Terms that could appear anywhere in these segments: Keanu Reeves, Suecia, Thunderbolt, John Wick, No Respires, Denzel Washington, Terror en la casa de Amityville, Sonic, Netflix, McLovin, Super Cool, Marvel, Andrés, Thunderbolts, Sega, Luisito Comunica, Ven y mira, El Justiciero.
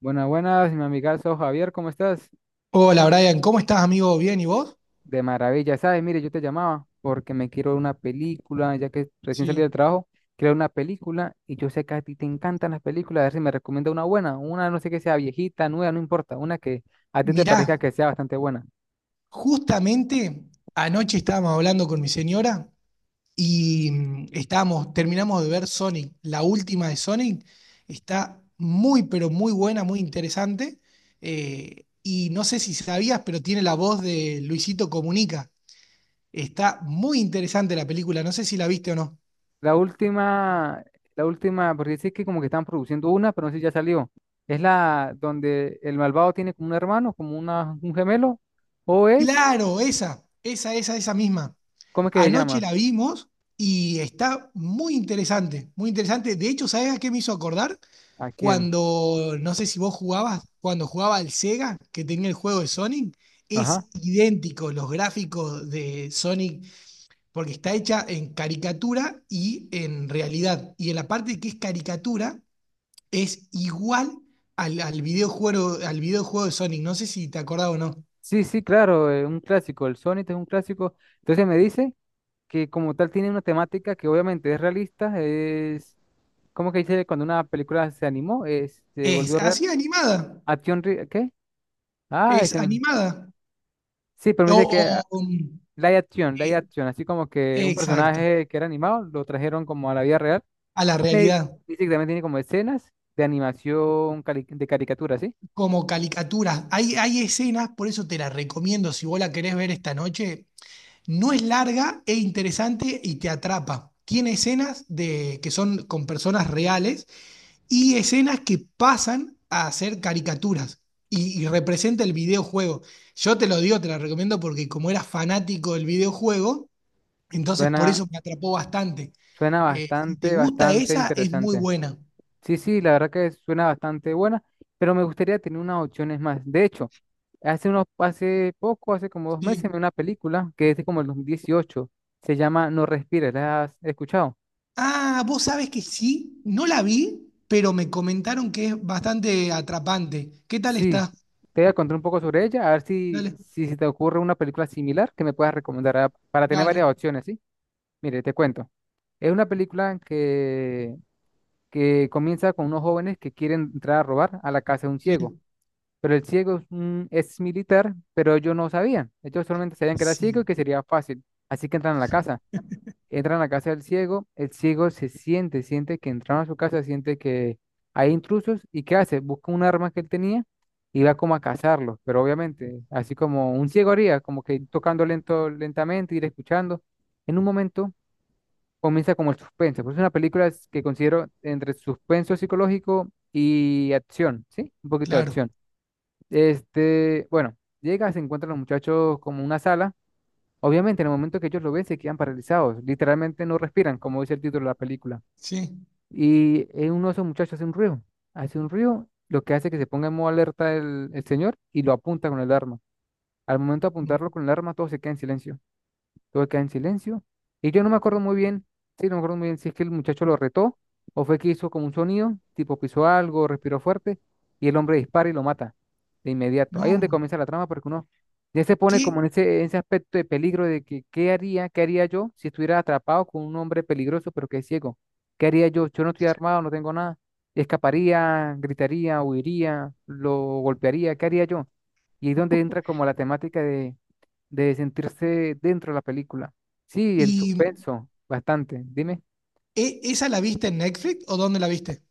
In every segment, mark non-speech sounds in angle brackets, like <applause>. Buenas, buenas, mi amigazo Javier, ¿cómo estás? Hola Brian, ¿cómo estás amigo? ¿Bien y vos? De maravilla, ¿sabes? Mire, yo te llamaba porque me quiero ver una película, ya que recién salí del Sí. trabajo, quiero ver una película y yo sé que a ti te encantan las películas, a ver si me recomienda una buena, una no sé que sea viejita, nueva, no importa, una que a ti te Mirá, parezca que sea bastante buena. justamente anoche estábamos hablando con mi señora y estábamos, terminamos de ver Sonic, la última de Sonic, está muy pero muy buena, muy interesante. Y no sé si sabías, pero tiene la voz de Luisito Comunica. Está muy interesante la película, no sé si la viste o no. La última, la última, porque dice que como que están produciendo una, pero no sé si ya salió. Es la donde el malvado tiene como un hermano, un gemelo, o es, Claro, esa misma. ¿cómo es que se Anoche llama? la vimos y está muy interesante, muy interesante. De hecho, ¿sabes a qué me hizo acordar? ¿A quién? Cuando, no sé si vos jugabas, cuando jugaba al Sega, que tenía el juego de Sonic, Ajá. es idéntico los gráficos de Sonic, porque está hecha en caricatura y en realidad. Y en la parte que es caricatura, es igual al videojuego, al videojuego de Sonic. No sé si te acordás o no. Sí, sí, claro, es un clásico, el Sonic es un clásico. Entonces me dice que como tal tiene una temática que obviamente es realista, es cómo que dice cuando una película se animó, se Es volvió real. así animada, ¿Qué? Ah, es ese, animada. sí, pero me O, dice que o, live action, live Eh, action, así como que un exacto, personaje que era animado lo trajeron como a la vida real. a la Me realidad, dice que también tiene como escenas de animación, de caricatura, ¿sí? como caricaturas. Hay escenas, por eso te la recomiendo si vos la querés ver esta noche. No es larga, es interesante y te atrapa. Tiene escenas de, que son con personas reales y escenas que pasan a ser caricaturas y representa el videojuego. Yo te lo digo, te la recomiendo porque como era fanático del videojuego, entonces por Suena, eso me atrapó bastante. Suena Si te gusta bastante esa, es muy interesante. buena. Sí, sí, la verdad que suena bastante buena, pero me gustaría tener unas opciones más. De hecho, hace poco, hace como dos meses, vi Sí. una película que es de como el 2018. Se llama No Respires, ¿la has escuchado? Ah, vos sabés que sí, no la vi, pero me comentaron que es bastante atrapante. ¿Qué tal Sí. está? Te voy a contar un poco sobre ella, a ver Dale, si se te ocurre una película similar que me puedas recomendar para tener dale. varias opciones, ¿sí? Mire, te cuento. Es una película que comienza con unos jóvenes que quieren entrar a robar a la casa de un ciego. Sí, Pero el ciego es militar, pero ellos no sabían. Ellos solamente sabían que era ciego y sí, que sería fácil. Así que entran a la casa. Entran a la casa del ciego. El ciego siente que entraron a su casa, siente que hay intrusos. ¿Y qué hace? Busca un arma que él tenía y va como a cazarlos. Pero obviamente, así como un ciego haría, como que ir tocando lento, lentamente, ir escuchando. En un momento comienza como el suspenso. Pues es una película que considero entre suspenso psicológico y acción, ¿sí? Un poquito de claro. acción. Este, bueno, llega, se encuentran los muchachos como en una sala. Obviamente, en el momento que ellos lo ven, se quedan paralizados. Literalmente no respiran, como dice el título de la película. Sí. Y uno de esos muchachos hace un ruido. Hace un ruido, lo que hace que se ponga en modo alerta el señor y lo apunta con el arma. Al momento de apuntarlo con el arma, todos se quedan en silencio, todo queda en silencio. Y yo no me acuerdo muy bien, sí, no me acuerdo muy bien si es que el muchacho lo retó o fue que hizo como un sonido, tipo pisó algo, respiró fuerte y el hombre dispara y lo mata de inmediato. Ahí es donde No. comienza la trama porque uno ya se pone ¿Qué? como en en ese aspecto de peligro de que qué haría yo si estuviera atrapado con un hombre peligroso pero que es ciego. ¿Qué haría yo? Yo no estoy armado, no tengo nada. Escaparía, gritaría, huiría, lo golpearía, ¿qué haría yo? Y es donde entra como la temática de sentirse dentro de la película. Sí, el ¿Y suspenso, bastante. Dime. Esa la viste en Netflix o dónde la viste?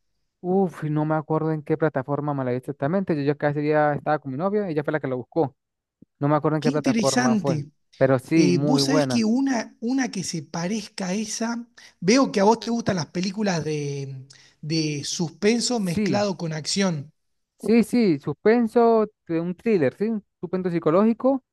Uf, no me acuerdo en qué plataforma me la vi exactamente. Yo ya casi ya estaba con mi novia, ella fue la que lo buscó. No me acuerdo en qué Qué plataforma fue, interesante. pero sí, muy Vos sabés buena. que una que se parezca a esa, veo que a vos te gustan las películas de suspenso Sí, mezclado con acción. sí, sí, suspenso, de un thriller, sí, un suspenso psicológico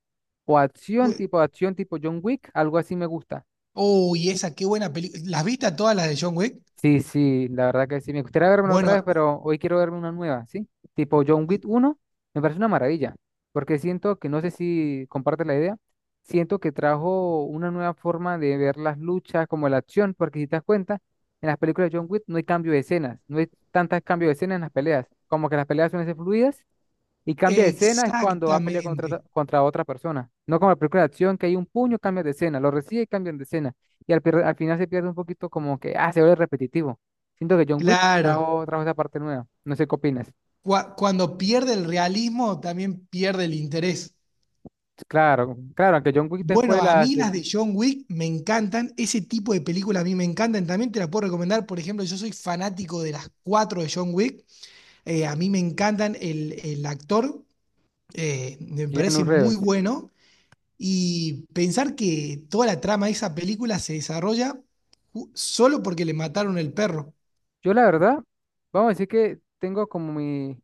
o Ue- acción tipo John Wick, algo así me gusta. Oh, y esa, qué buena película. ¿Las viste a todas las de John Wick? Sí, sí, la verdad que sí. Me gustaría verme otra vez, Bueno, pero hoy quiero verme una nueva, ¿sí? Tipo John Wick uno, me parece una maravilla, porque siento que, no sé si comparte la idea, siento que trajo una nueva forma de ver las luchas, como la acción, porque si te das cuenta, en las películas de John Wick no hay cambio de escenas, no hay tantos cambios de escenas en las peleas, como que las peleas suelen ser fluidas y cambia de escena es cuando va a pelear contra, exactamente, contra otra persona. No como la película de acción, que hay un puño, cambia de escena, lo recibe y cambian de escena. Y al final se pierde un poquito como que, ah, se vuelve repetitivo. Siento que John Wick claro. trajo, trajo esa parte nueva. No sé qué opinas. Cuando pierde el realismo, también pierde el interés. Claro, claro, aunque John Wick después de Bueno, a la mí las secuela de John Wick me encantan, ese tipo de películas a mí me encantan, también te las puedo recomendar, por ejemplo, yo soy fanático de las cuatro de John Wick. A mí me encantan el actor, me en parece muy Reverse. bueno, y pensar que toda la trama de esa película se desarrolla solo porque le mataron el perro. Yo la verdad, vamos a decir que tengo como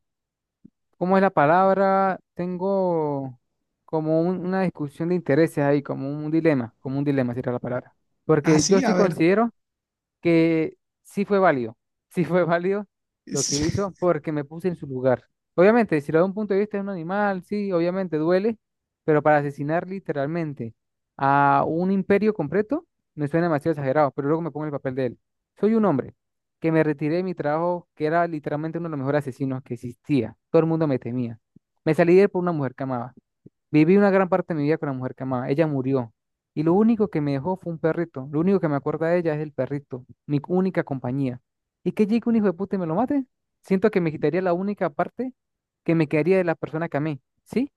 ¿cómo es la palabra? Tengo como una discusión de intereses ahí, como un dilema sería la palabra. Porque yo Así, sí a ver. considero que sí fue válido, <laughs> sí fue válido lo que <laughs> hizo porque me puse en su lugar. Obviamente, si lo veo de un punto de vista de un animal, sí, obviamente duele, pero para asesinar literalmente a un imperio completo me suena demasiado exagerado, pero luego me pongo en el papel de él. Soy un hombre que me retiré de mi trabajo, que era literalmente uno de los mejores asesinos que existía. Todo el mundo me temía. Me salí de él por una mujer que amaba. Viví una gran parte de mi vida con la mujer que amaba. Ella murió. Y lo único que me dejó fue un perrito. Lo único que me acuerda de ella es el perrito, mi única compañía. ¿Y que llegue un hijo de puta y me lo mate? Siento que me quitaría la única parte que me quedaría de la persona que amé, ¿sí?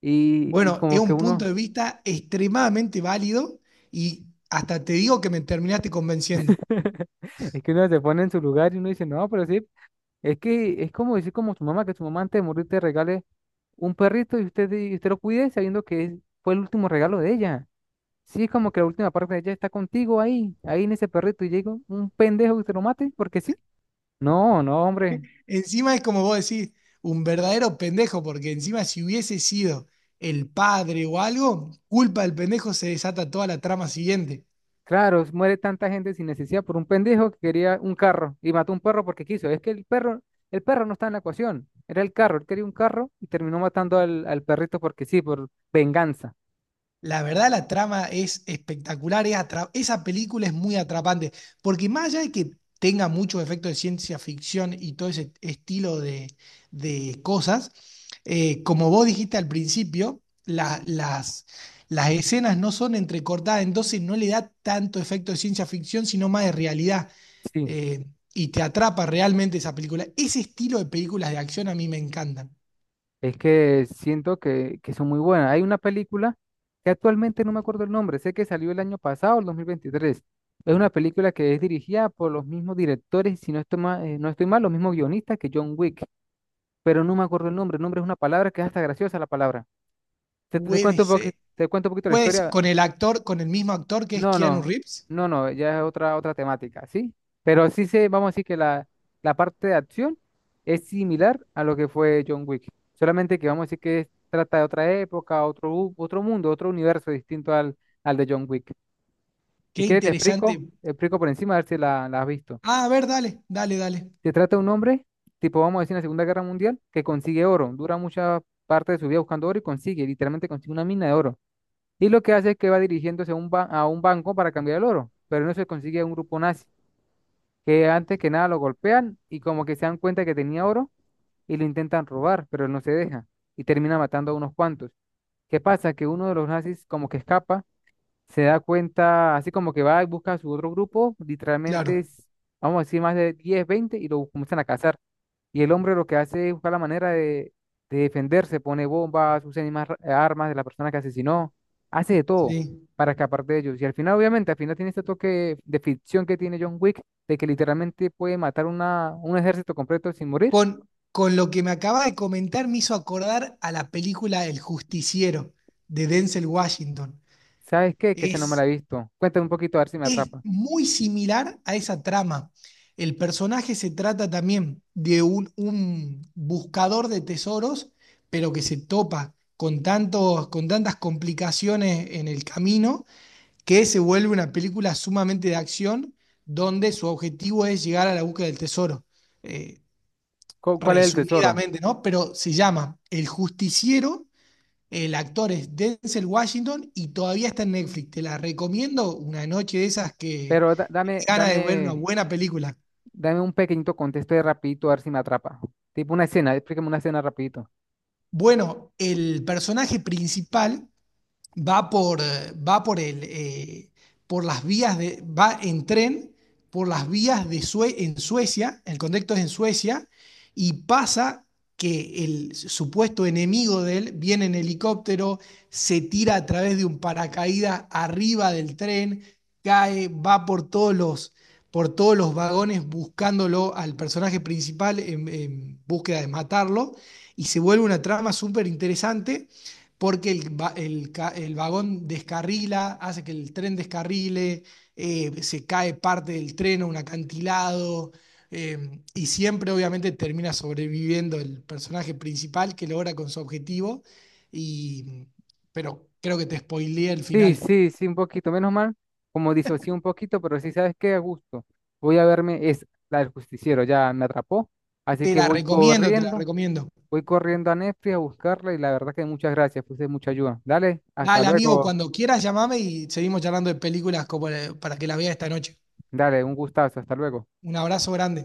Y Bueno, es como que un punto uno, de vista extremadamente válido y hasta te digo que me terminaste convenciendo. <laughs> es que uno se pone en su lugar y uno dice, no, pero sí, es que es como decir como su mamá, que su mamá antes de morir te regale un perrito y usted lo cuide sabiendo que fue el último regalo de ella. Sí, es como que la última parte ella está contigo ahí, ahí en ese perrito, y llega un pendejo que te lo mate, porque sí. No, no, hombre. Encima es como vos decís, un verdadero pendejo, porque encima si hubiese sido el padre o algo, culpa del pendejo se desata toda la trama siguiente. Claro, muere tanta gente sin necesidad por un pendejo que quería un carro y mató un perro porque quiso. Es que el perro no está en la ecuación, era el carro, él quería un carro y terminó matando al perrito porque sí, por venganza. La verdad, la trama es espectacular, es esa película es muy atrapante, porque más allá de que tenga muchos efectos de ciencia ficción y todo ese estilo de cosas, como vos dijiste al principio, las escenas no son entrecortadas, entonces no le da tanto efecto de ciencia ficción, sino más de realidad, Sí. eh, y te atrapa realmente esa película. Ese estilo de películas de acción a mí me encantan. Es que siento que son muy buenas. Hay una película que actualmente no me acuerdo el nombre, sé que salió el año pasado, el 2023. Es una película que es dirigida por los mismos directores, y si no estoy mal, no estoy mal, los mismos guionistas que John Wick, pero no me acuerdo el nombre. El nombre es una palabra que es hasta graciosa la palabra. Te Puede cuento un poquito, ser, te cuento un poquito la puedes historia. con el actor, con el mismo actor que es No, Keanu no, Reeves. no, no, ya es otra, otra temática, ¿sí? Pero sí se, vamos a decir que la parte de acción es similar a lo que fue John Wick, solamente que vamos a decir que trata de otra época, otro mundo, otro universo distinto al de John Wick. Si Qué quieres, interesante. Le explico por encima a ver si la has visto. Ah, a ver, dale, dale, dale. Se trata de un hombre, tipo, vamos a decir, en la Segunda Guerra Mundial, que consigue oro, dura mucha parte de su vida buscando oro y consigue, literalmente consigue una mina de oro y lo que hace es que va dirigiéndose a a un banco para cambiar el oro, pero no se consigue un grupo nazi, que antes que nada lo golpean y como que se dan cuenta que tenía oro y lo intentan robar, pero él no se deja y termina matando a unos cuantos. ¿Qué pasa? Que uno de los nazis como que escapa, se da cuenta, así como que va y busca a su otro grupo, literalmente, Claro, es, vamos a decir, más de 10 20 y lo comienzan a cazar. Y el hombre lo que hace es buscar la manera de defenderse, pone bombas, usa armas de la persona que asesinó, hace de todo sí. para escapar de ellos. Y al final, obviamente, al final tiene este toque de ficción que tiene John Wick, de que literalmente puede matar un ejército completo sin morir. Con lo que me acaba de comentar me hizo acordar a la película El Justiciero de Denzel Washington. ¿Sabes qué? Que ese no me la Es, he visto. Cuéntame un poquito a ver si me es atrapa. muy similar a esa trama. El personaje se trata también de un buscador de tesoros, pero que se topa con tantos, con tantas complicaciones en el camino que se vuelve una película sumamente de acción donde su objetivo es llegar a la búsqueda del tesoro. Eh, ¿Cuál es el tesoro? Resumidamente, ¿no? Pero se llama El Justiciero, el actor es Denzel Washington y todavía está en Netflix. Te la recomiendo una noche de esas que Pero gana dame de ver una buena película. dame un pequeñito contexto de rapidito a ver si me atrapa. Tipo una escena, explícame una escena rapidito. Bueno, el personaje principal va por, va por el, por las vías de, va en tren por las vías de en Suecia, el contexto es en Suecia, y pasa que el supuesto enemigo de él viene en helicóptero, se tira a través de un paracaídas arriba del tren, cae, va por todos los vagones buscándolo al personaje principal en búsqueda de matarlo, y se vuelve una trama súper interesante porque el, el vagón descarrila, hace que el tren descarrile, se cae parte del tren a un acantilado, y siempre obviamente termina sobreviviendo el personaje principal que logra con su objetivo, y, pero creo que te spoileé el Sí, final. sí, sí, un poquito, menos mal, como disocié un poquito, pero sí, ¿sabes qué? A gusto. Voy a verme, es la del justiciero, ya me atrapó, así Te que la recomiendo, te la recomiendo. voy corriendo a Netflix a buscarla y la verdad que muchas gracias, fuiste de mucha ayuda. Dale, hasta Dale, amigo, luego, cuando quieras llamame y seguimos charlando de películas como, para que la veas esta noche. dale, un gustazo, hasta luego. Un abrazo grande.